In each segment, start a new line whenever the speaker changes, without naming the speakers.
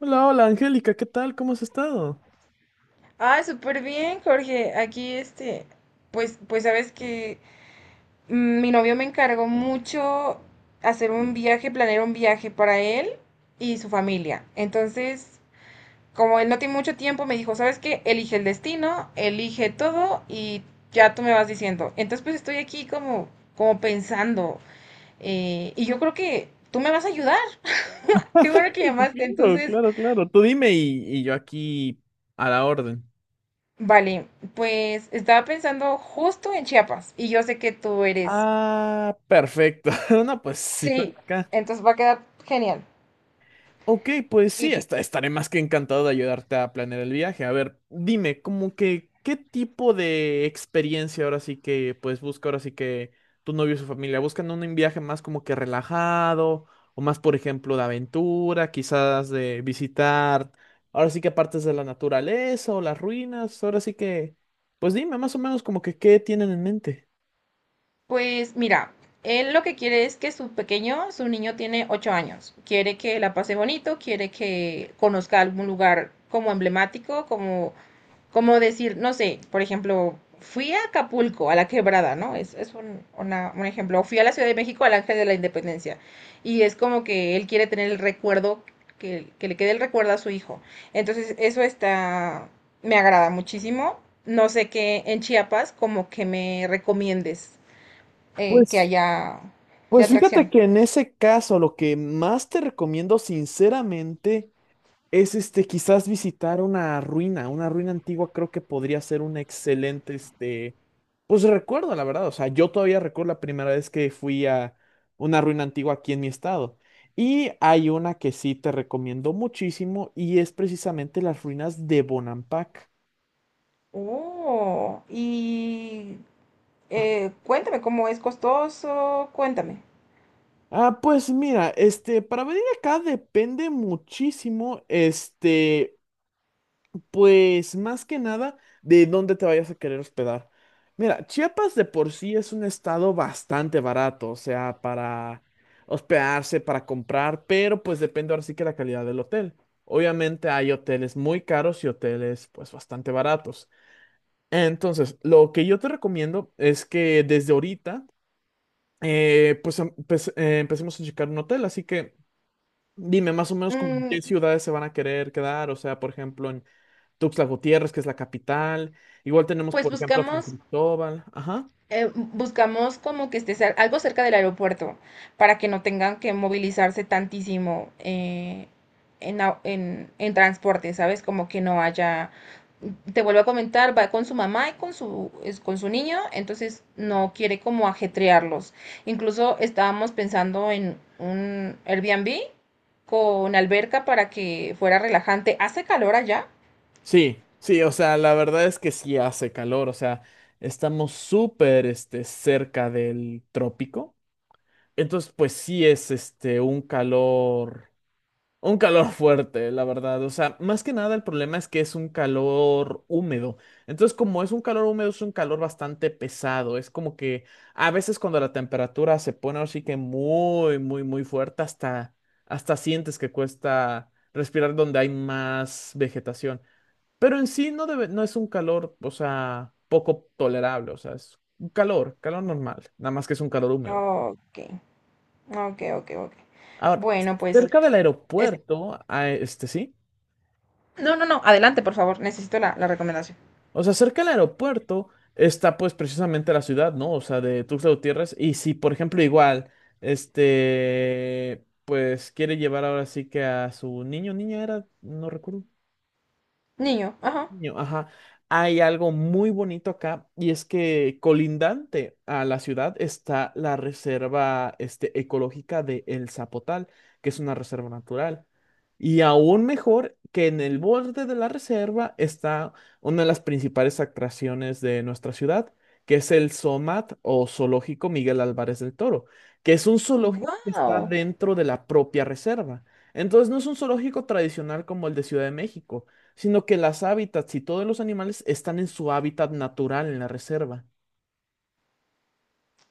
Hola, hola, Angélica, ¿qué tal? ¿Cómo has estado?
Ah, súper bien, Jorge. Aquí, pues sabes que mi novio me encargó mucho hacer un viaje, planear un viaje para él y su familia. Entonces, como él no tiene mucho tiempo, me dijo, ¿sabes qué? Elige el destino, elige todo y ya tú me vas diciendo. Entonces, pues estoy aquí como pensando. Y yo creo que tú me vas a ayudar. Qué bueno que llamaste.
Claro,
Entonces,
claro, claro. Tú dime y yo aquí a la orden.
vale, pues estaba pensando justo en Chiapas y yo sé que tú eres.
Ah, perfecto. No, pues sí, estoy
Sí,
acá.
entonces va a quedar genial.
Ok, pues sí,
Y
estaré más que encantado de ayudarte a planear el viaje. A ver, dime, como que, ¿qué tipo de experiencia ahora sí que, pues busca ahora sí que tu novio y su familia? ¿Buscan un viaje más como que relajado o más, por ejemplo, de aventura, quizás de visitar, ahora sí que partes de la naturaleza o las ruinas? Ahora sí que, pues dime más o menos como que qué tienen en mente.
pues mira, él lo que quiere es que su pequeño, su niño tiene 8 años. Quiere que la pase bonito, quiere que conozca algún lugar como emblemático, como decir, no sé, por ejemplo, fui a Acapulco, a la quebrada, ¿no? Es un ejemplo. O fui a la Ciudad de México, al Ángel de la Independencia. Y es como que él quiere tener el recuerdo, que le quede el recuerdo a su hijo. Entonces, eso está, me agrada muchísimo. No sé qué en Chiapas, como que me recomiendes que
Pues,
haya de
pues fíjate
atracción.
que en ese caso lo que más te recomiendo sinceramente es quizás visitar una ruina antigua creo que podría ser un excelente, pues recuerdo, la verdad, o sea, yo todavía recuerdo la primera vez que fui a una ruina antigua aquí en mi estado. Y hay una que sí te recomiendo muchísimo y es precisamente las ruinas de Bonampak.
Oh, y cuéntame cómo es costoso, cuéntame.
Ah, pues mira, para venir acá depende muchísimo, pues más que nada de dónde te vayas a querer hospedar. Mira, Chiapas de por sí es un estado bastante barato, o sea, para hospedarse, para comprar, pero pues depende ahora sí que la calidad del hotel. Obviamente hay hoteles muy caros y hoteles pues bastante baratos. Entonces, lo que yo te recomiendo es que desde ahorita pues empecemos a checar un hotel, así que dime más o menos como en qué
Mm,
ciudades se van a querer quedar, o sea, por ejemplo, en Tuxtla Gutiérrez, que es la capital. Igual tenemos,
pues
por ejemplo, San
buscamos
Cristóbal. Ajá.
como que esté algo cerca del aeropuerto para que no tengan que movilizarse tantísimo en transporte, ¿sabes? Como que no haya. Te vuelvo a comentar, va con su mamá y con con su niño, entonces no quiere como ajetrearlos. Incluso estábamos pensando en un Airbnb con alberca para que fuera relajante. ¿Hace calor allá?
Sí, sí, o sea, la verdad es que sí hace calor, o sea, estamos súper, cerca del trópico. Entonces, pues sí es, un calor. Un calor fuerte, la verdad. O sea, más que nada el problema es que es un calor húmedo. Entonces, como es un calor húmedo, es un calor bastante pesado. Es como que a veces cuando la temperatura se pone así que muy, muy, muy fuerte, hasta sientes que cuesta respirar donde hay más vegetación. Pero en sí no debe, no es un calor, o sea, poco tolerable. O sea, es un calor, calor normal. Nada más que es un calor húmedo.
Ok, ok, ok, ok.
Ahora,
Bueno, pues.
cerca del aeropuerto, ah, este sí.
No, no, no, adelante, por favor. Necesito la recomendación.
O sea, cerca del aeropuerto está pues precisamente la ciudad, ¿no? O sea, de Tuxtla Gutiérrez. Y si, por ejemplo, igual, pues quiere llevar ahora sí que a su niño, niña era, no recuerdo.
Niño, ajá.
Niño, ajá. Hay algo muy bonito acá y es que colindante a la ciudad está la reserva ecológica de El Zapotal, que es una reserva natural. Y aún mejor que en el borde de la reserva está una de las principales atracciones de nuestra ciudad, que es el SOMAT o Zoológico Miguel Álvarez del Toro, que es un zoológico que está
¡Wow!
dentro de la propia reserva. Entonces no es un zoológico tradicional como el de Ciudad de México, sino que las hábitats y todos los animales están en su hábitat natural en la reserva.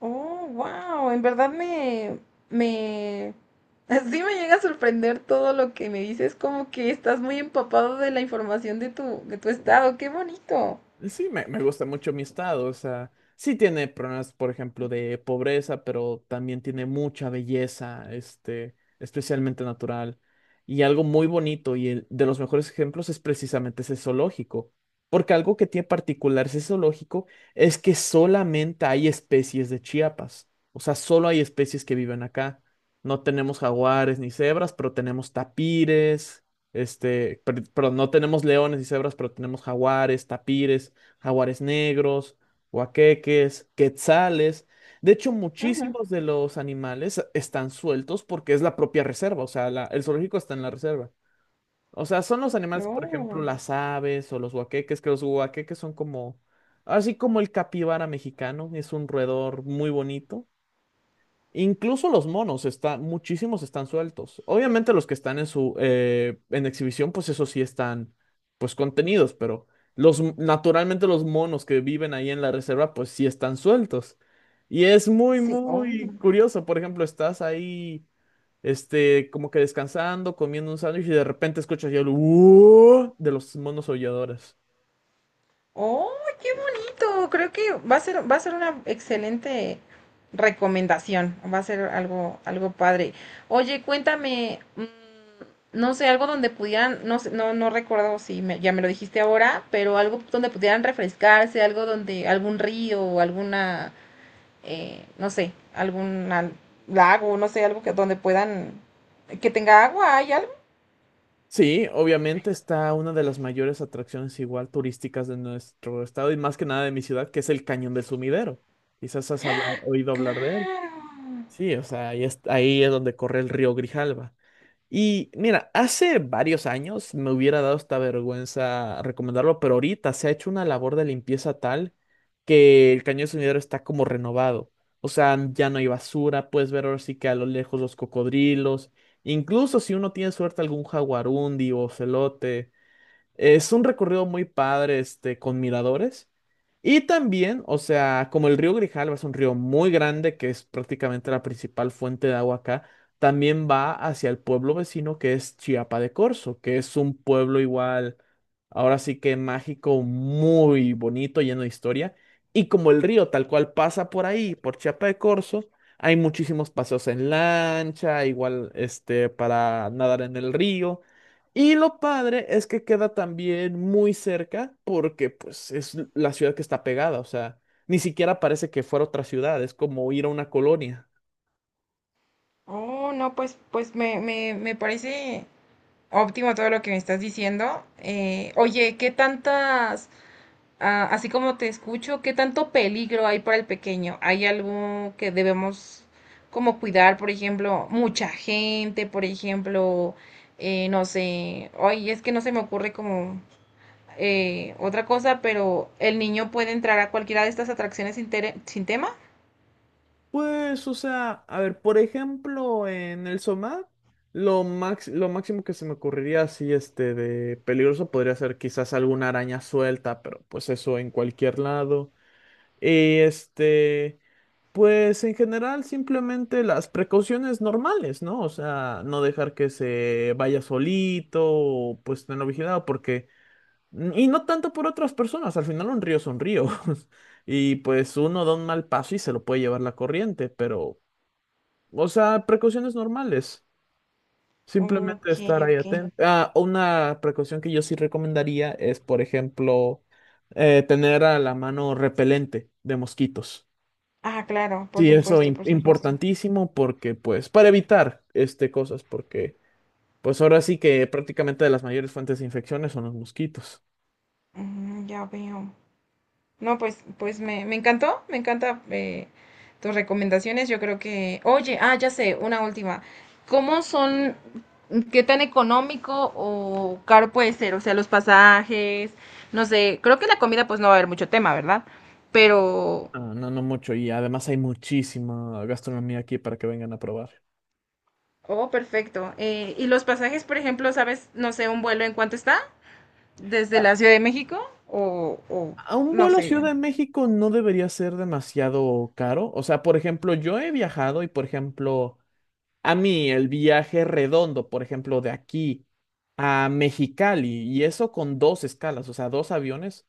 Oh, wow. En verdad me... Sí me llega a sorprender todo lo que me dices, como que estás muy empapado de la información de tu estado. ¡Qué bonito!
Sí, me gusta mucho mi estado, o sea, sí tiene problemas, por ejemplo, de pobreza, pero también tiene mucha belleza, especialmente natural. Y algo muy bonito, y de los mejores ejemplos es precisamente ese zoológico, porque algo que tiene particular ese zoológico es que solamente hay especies de Chiapas, o sea, solo hay especies que viven acá. No tenemos jaguares ni cebras, pero tenemos tapires. Perdón, no tenemos leones y cebras, pero tenemos jaguares, tapires, jaguares negros, huaqueques, quetzales. De hecho,
Ajá.
muchísimos de los animales están sueltos porque es la propia reserva, o sea, el zoológico está en la reserva. O sea, son los animales, por ejemplo,
Oh,
las aves o los huaqueques, que los huaqueques son como, así como el capibara mexicano, es un roedor muy bonito. Incluso los monos están, muchísimos están sueltos. Obviamente los que están en su en exhibición, pues eso sí están pues contenidos, pero los naturalmente los monos que viven ahí en la reserva, pues sí están sueltos. Y es muy,
sí, oh.
muy curioso. Por ejemplo, estás ahí, como que descansando, comiendo un sándwich y de repente escuchas el de los monos aulladores.
Oh, qué bonito. Creo que va a ser una excelente recomendación. Va a ser algo padre. Oye, cuéntame, no sé, algo donde pudieran, no sé, no, no recuerdo si ya me lo dijiste ahora, pero algo donde pudieran refrescarse, algo donde, algún río o alguna, no sé, algún lago, no sé, algo que donde puedan, que tenga agua, ¿hay algo?
Sí, obviamente está una de las mayores atracciones igual turísticas de nuestro estado y más que nada de mi ciudad, que es el Cañón del Sumidero. Quizás has oído hablar de él.
Claro.
Sí, o sea, ahí es donde corre el río Grijalva. Y mira, hace varios años me hubiera dado esta vergüenza recomendarlo, pero ahorita se ha hecho una labor de limpieza tal que el Cañón del Sumidero está como renovado. O sea, ya no hay basura, puedes ver ahora sí que a lo lejos los cocodrilos. Incluso si uno tiene suerte algún jaguarundi o celote. Es un recorrido muy padre, con miradores. Y también, o sea, como el río Grijalva es un río muy grande, que es prácticamente la principal fuente de agua acá, también va hacia el pueblo vecino que es Chiapa de Corzo, que es un pueblo igual, ahora sí que mágico, muy bonito, lleno de historia. Y como el río tal cual pasa por ahí, por Chiapa de Corzo, hay muchísimos paseos en lancha, igual, para nadar en el río. Y lo padre es que queda también muy cerca porque pues es la ciudad que está pegada, o sea, ni siquiera parece que fuera otra ciudad, es como ir a una colonia.
Oh, no, pues me parece. Óptimo todo lo que me estás diciendo. Oye, ¿qué tantas, ah, así como te escucho, qué tanto peligro hay para el pequeño? ¿Hay algo que debemos como cuidar, por ejemplo, mucha gente, por ejemplo, no sé, oye, es que no se me ocurre como otra cosa, pero el niño puede entrar a cualquiera de estas atracciones sin tema?
Pues, o sea, a ver, por ejemplo, en el Somat, lo máximo que se me ocurriría así, de peligroso podría ser quizás alguna araña suelta, pero pues eso en cualquier lado. Eh, Este... Pues en general simplemente las precauciones normales, ¿no? O sea, no dejar que se vaya solito, o, pues tenerlo vigilado, porque... y no tanto por otras personas, al final un río son ríos. Y pues uno da un mal paso y se lo puede llevar la corriente, pero... O sea, precauciones normales. Simplemente
Ok,
estar ahí
ok.
atento. Ah, una precaución que yo sí recomendaría es, por ejemplo, tener a la mano repelente de mosquitos.
Ah, claro, por
Sí, eso
supuesto, por supuesto.
importantísimo porque, pues, para evitar este cosas, porque, pues, ahora sí que prácticamente de las mayores fuentes de infecciones son los mosquitos.
Ya veo. No, pues me encantó, me encanta tus recomendaciones. Yo creo que, oye, ah, ya sé, una última. ¿Cómo son, qué tan económico o caro puede ser? O sea, los pasajes, no sé, creo que la comida pues no va a haber mucho tema, ¿verdad? Pero,
Ah, no, no mucho. Y además hay muchísima gastronomía aquí para que vengan a probar.
oh, perfecto. ¿Y los pasajes, por ejemplo, sabes, no sé, un vuelo en cuánto está? ¿Desde
A,
la Ciudad de México? O
a un
no
vuelo a
sé.
Ciudad de México no debería ser demasiado caro. O sea, por ejemplo, yo he viajado y, por ejemplo, a mí el viaje redondo, por ejemplo, de aquí a Mexicali, y eso con dos escalas, o sea, dos aviones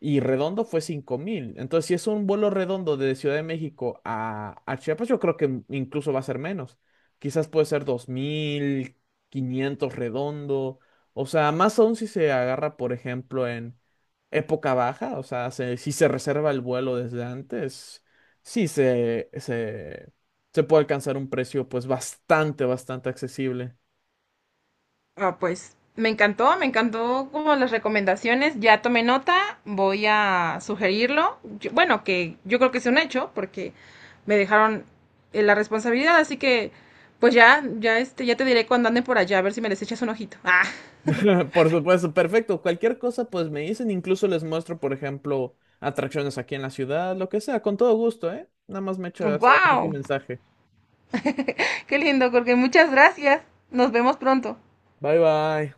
y redondo fue 5,000. Entonces, si es un vuelo redondo de Ciudad de México a Chiapas, yo creo que incluso va a ser menos. Quizás puede ser 2,500 redondo. O sea, más aún si se agarra, por ejemplo, en época baja. O sea, si se reserva el vuelo desde antes, sí se, se, se puede alcanzar un precio pues bastante, bastante accesible.
Ah, pues me encantó como las recomendaciones, ya tomé nota, voy a sugerirlo. Bueno, que yo creo que es un hecho porque me dejaron la responsabilidad, así que pues ya te diré cuando ande por allá a ver si me les echas un ojito. Ah,
Por supuesto, perfecto. Cualquier cosa, pues me dicen, incluso les muestro, por ejemplo, atracciones aquí en la ciudad, lo que sea, con todo gusto, ¿eh? Nada más me echas ahora sí tu
wow.
mensaje.
Qué lindo, porque muchas gracias. Nos vemos pronto.
Bye bye.